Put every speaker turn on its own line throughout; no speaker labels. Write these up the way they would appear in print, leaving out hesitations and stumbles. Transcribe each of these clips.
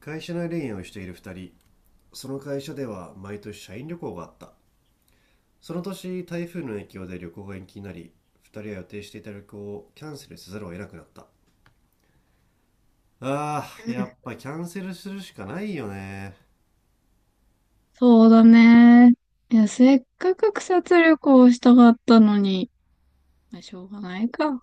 会社内恋愛をしている2人。その会社では毎年社員旅行があった。その年台風の影響で旅行が延期になり、2人は予定していた旅行をキャンセルせざるを得なくなった。
う
や
ん。
っぱキャンセルするしかないよね。
そうだね。いや、せっかく草津旅行をしたかったのに、まあ、しょうがないか。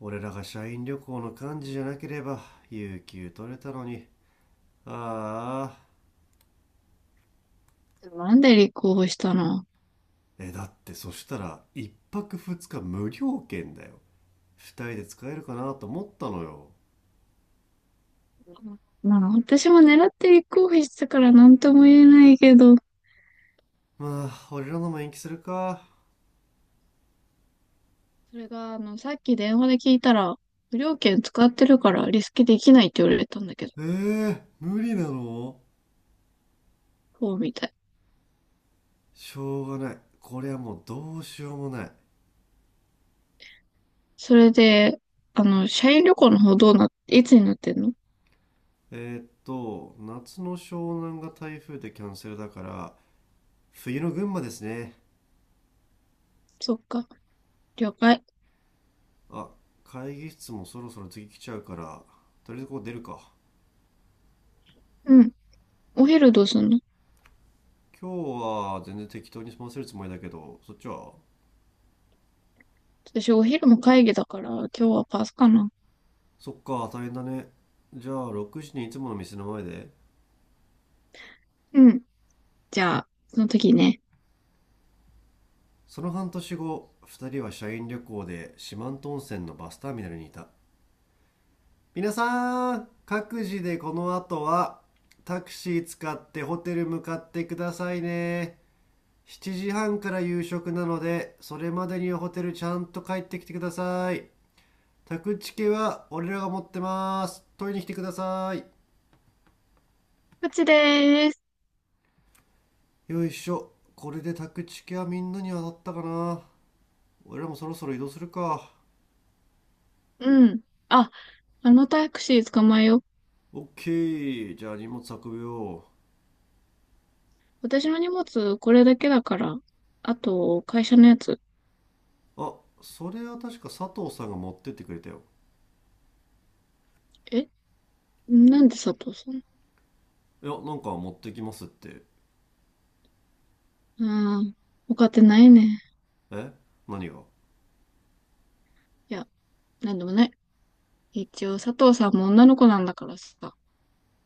俺らが社員旅行の幹事じゃなければ有給取れたのに。ああ。
なんで立候補したの？
だってそしたら1泊2日無料券だよ。2人で使えるかなと思ったのよ。
まあ、私も狙って立候補してたから何とも言えないけど、
まあ俺らのも延期するか。
それが、さっき電話で聞いたら、無料券使ってるからリスケできないって言われたんだけど、
えー、無理なの？
そうみたい。
しょうがない。これはもうどうしようもない。
それで、社員旅行の方どうないつになってんの？
えーっと、夏の湘南が台風でキャンセルだから、冬の群馬ですね。
そっか、了解。
あ、会議室もそろそろ次来ちゃうから、とりあえずここ出るか。
うん。お昼どうすんの？
今日は全然適当に済ませるつもりだけど、そっちは？
私お昼も会議だから、今日はパスかな。
そっか、大変だね。じゃあ6時にいつもの店の前で。
うん。じゃあ、その時ね。
その半年後、2人は社員旅行で四万十温泉のバスターミナルにいた。皆さん各自でこの後はタクシー使ってホテル向かってくださいね。7時半から夕食なのでそれまでにホテルちゃんと帰ってきてください。宅チケは俺らが持ってます。取りに来てください。
こっちでーす。
よいしょこれで宅チケはみんなに当たったかな。俺らもそろそろ移動するか。
うん。あ、あのタクシー捕まえよう。
オッケー、じゃあ荷物運ぶよ。
私の荷物これだけだから。あと、会社のやつ。
あ、それは確か佐藤さんが持ってってくれたよ。
え、なんで佐藤さん？
いやなんか持ってきますって。
うん。他ってないね。
え、何が？
いや、なんでもない。一応、佐藤さんも女の子なんだからさ。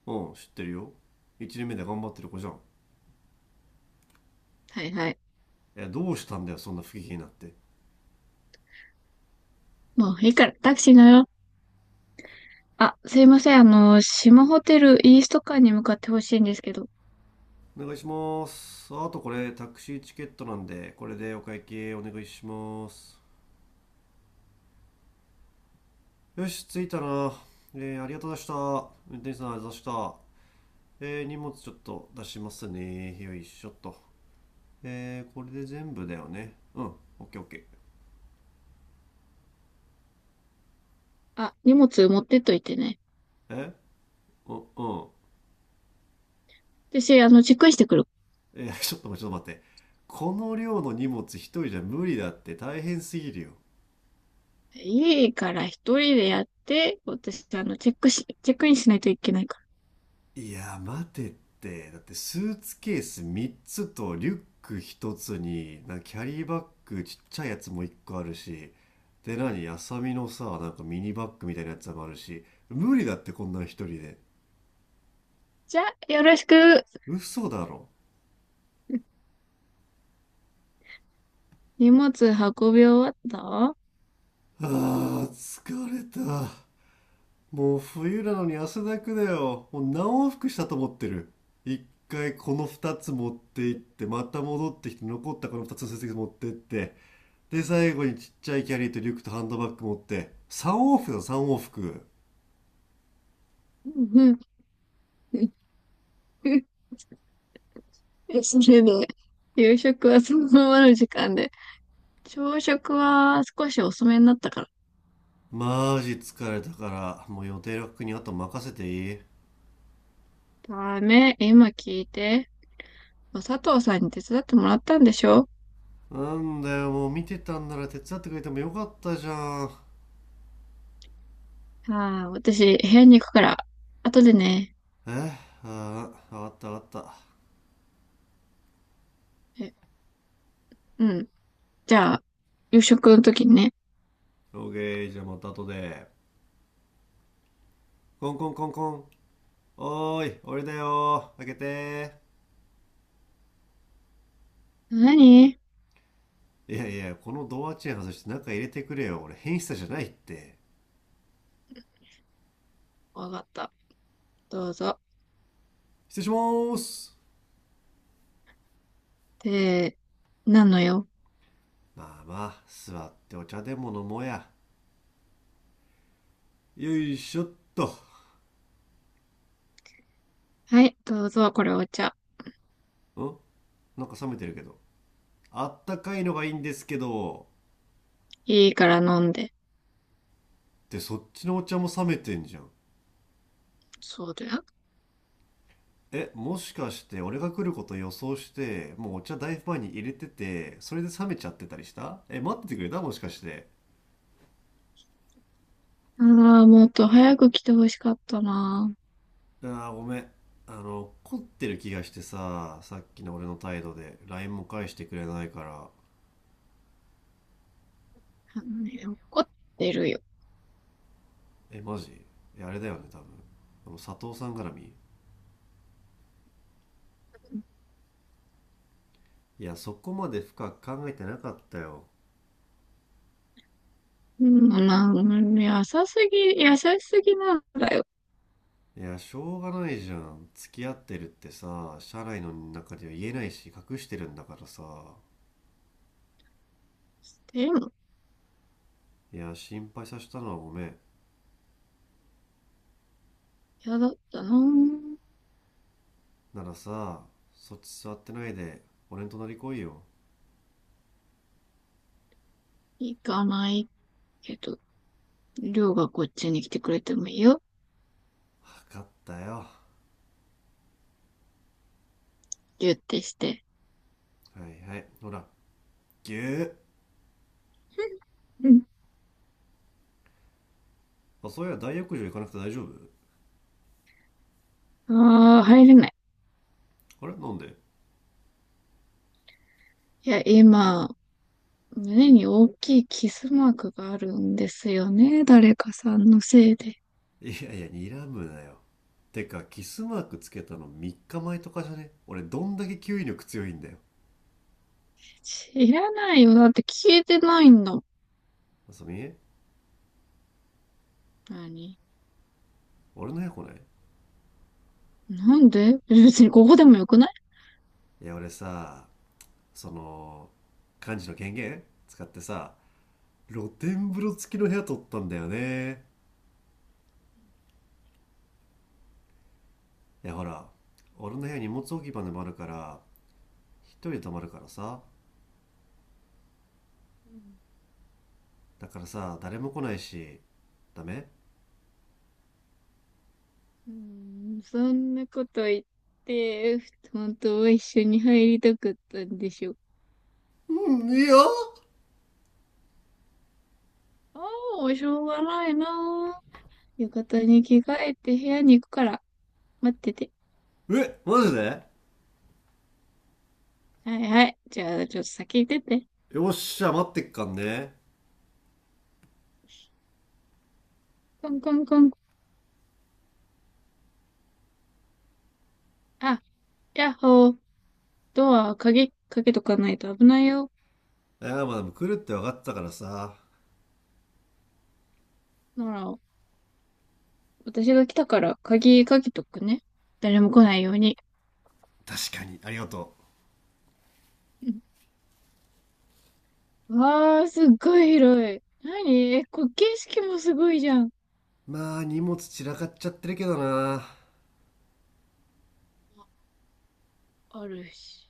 うん、知ってるよ。1年目で頑張ってる子じゃん。
はいはい。
どうしたんだよ、そんな不機嫌になって。
もういいから、タクシー乗ろう。あ、すいません。あの、島ホテルイースト館に向かってほしいんですけど。
お願いします。あとこれタクシーチケットなんで、これでお会計お願いします。よし、着いたな。ありがとうございました。運転手さんありがとうございました。荷物ちょっと出しますね。よいしょっとこれで全部だよね。うん。オッケーオッケ
あ、荷物持ってっといてね。
ー。うん。
私、チェックインしてくるわ。
ちょっと待って、ちょっと待って。この量の荷物一人じゃ無理だって。大変すぎるよ。
家から一人でやって、私、チェックインしないといけないから。
いや待てって。だってスーツケース3つとリュック1つになんかキャリーバッグちっちゃいやつも1個あるし、で何あさみのさ、なんかミニバッグみたいなやつもあるし。無理だって、こんなん1人で。
じゃあ、よろしく。
嘘だろ。
荷物運び終わった？
疲れた。もう冬なのに汗だくだよ。もう何往復したと思ってる。一回この二つ持って行って、また戻ってきて、残ったこの二つの成績持ってって、で、最後にちっちゃいキャリーとリュックとハンドバッグ持って、三往復だよ、三往復。
うん、うん。それで、夕食はそのままの時間で、朝食は少し遅めになったから。
マジ疲れたから、もう予定楽にあと任せていい？
ダメ、今聞いて。佐藤さんに手伝ってもらったんでしょ？
なんだよ、もう見てたんなら手伝ってくれてもよかったじゃん。
ああ、私、部屋に行くから、後でね。
えああ、わかった、わかった。
え、うん。じゃあ、夕食の時にね。
オーケー、じゃあまた後で。コンコンコンコン。おーい、俺だよー。開けて。
何？
ーいやいや、このドアチェーン外して中入れてくれよ。俺、変質者じゃないって。
わかった。どうぞ。
失礼しまーす。
で、なのよ。
まあまあ、座ってお茶でも飲もうや。よいしょっと。
はい、どうぞ、これお茶。
ん、なんか冷めてるけど。あったかいのがいいんですけど。
いいから飲んで。
で、そっちのお茶も冷めてんじゃん。
そうだよ。
え、もしかして俺が来ること予想して、もうお茶大ファンに入れてて、それで冷めちゃってたりした？え、待っててくれた？もしかして。
ああ、もっと早く来てほしかったな。
ああ、ごめん。怒ってる気がしてさ、さっきの俺の態度で、 LINE も返してくれないから。
あのね、怒ってるよ。
え、マジ？いやあれだよね、多分、佐藤さん絡み。いや、そこまで深く考えてなかったよ。
うん、まあ、うん、優しすぎ、優しすぎなんだよ。
いやしょうがないじゃん、付き合ってるってさ社内の中では言えないし、隠してるんだからさ。
でも、
いや心配させたのはごめん。
嫌だったな。
ならさ、そっち座ってないで俺の隣来いよ。
行かないけど、りょうがこっちに来てくれてもいいよ。
分かったよ、は
ギュってして。
いはい、ほら、ぎゅー。
うん。
まあそういや大浴場行かなくて大丈夫？
ああ、入れない。
あれなんで？
いや、今、胸に大きいキスマークがあるんですよね。誰かさんのせいで。
いやいや睨むなよ。てかキスマークつけたの3日前とかじゃね？俺どんだけ吸引力強いんだよ。
知らないよ。だって消えてないんだ。
あ、そみ。
何？
俺の部屋来ない？
なんで？別にここでもよくない？
いや俺さ、その幹事の権限使ってさ、露天風呂付きの部屋取ったんだよね。いやほら、俺の部屋荷物置き場でもあるから、一人で泊まるからさ、だからさ誰も来ないし。ダメ？
うん、そんなこと言って、本当は一緒に入りたかったんでしょ。
うん、いいよ。
ああ、しょうがないなあ。浴衣に着替えて部屋に行くから、待ってて。
え、マジで？
はいはい。じゃあ、ちょっと先行ってて。
よっしゃ、待ってっかんね。
コンコンコン。あ、やっほー。ドア、鍵、かけとかないと危ないよ。
いや、まあでも来るって分かったからさ。
なら、私が来たから、鍵かけとくね。誰も来ないように。
確かに、ありがと
うん。わー、すっごい広い。なにえ、こ、景色もすごいじゃん。
う。まあ、荷物散らかっちゃってるけどな。
あるし。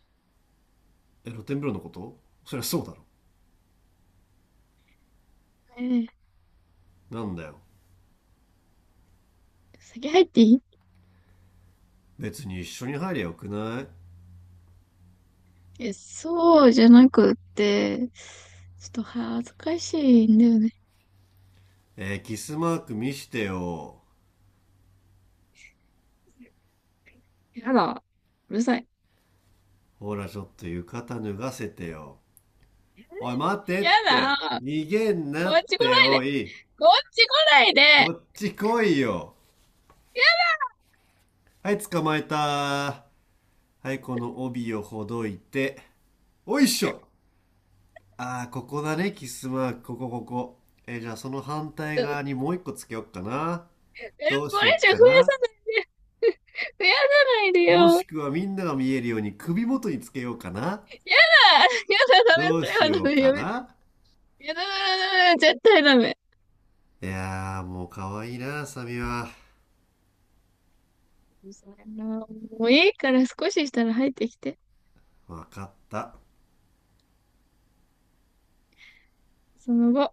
え、露天風呂のこと？そりゃそうだろ。
えー、
なんだよ。
先入っていい？
別に一緒に入りゃよくない？
え、そうじゃなくって、ちょっと恥ずかしいんだよね。
えー、キスマーク見してよ。
やだ。うるさい。
ほら、ちょっと浴衣脱がせてよ。おい、待て
や
っ
だ。
て。逃げん
こ
な
っ
っ
ち来
て、
ない
お
で。
い。
こっち来ない
こ
で。
っち来いよ。はい、捕まえた。はい、この帯をほどいて。おいっしょああ、ここだね、キスマーク。ここ、ここ。えー、じゃあその反対
え、これ
側
以
にもう一個つけよっかな。
上増やさないで。
どうしよっかな。
増やさないで
もし
よ。
くはみんなが見えるように首元につけようか
やだ、や
な。
だ、ダメ、
どう
それ
し
はダ
よう
メ、
か
やめて。
な。
やだ、ダメ、絶対ダメ。
いやー、もう可愛いな、サミは。
それなもういいから少ししたら入ってきて。
わかった。
その後、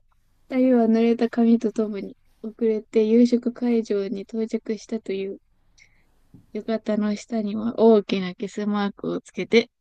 二人は濡れた髪とともに、遅れて夕食会場に到着したという、浴衣の下には大きなキスマークをつけて、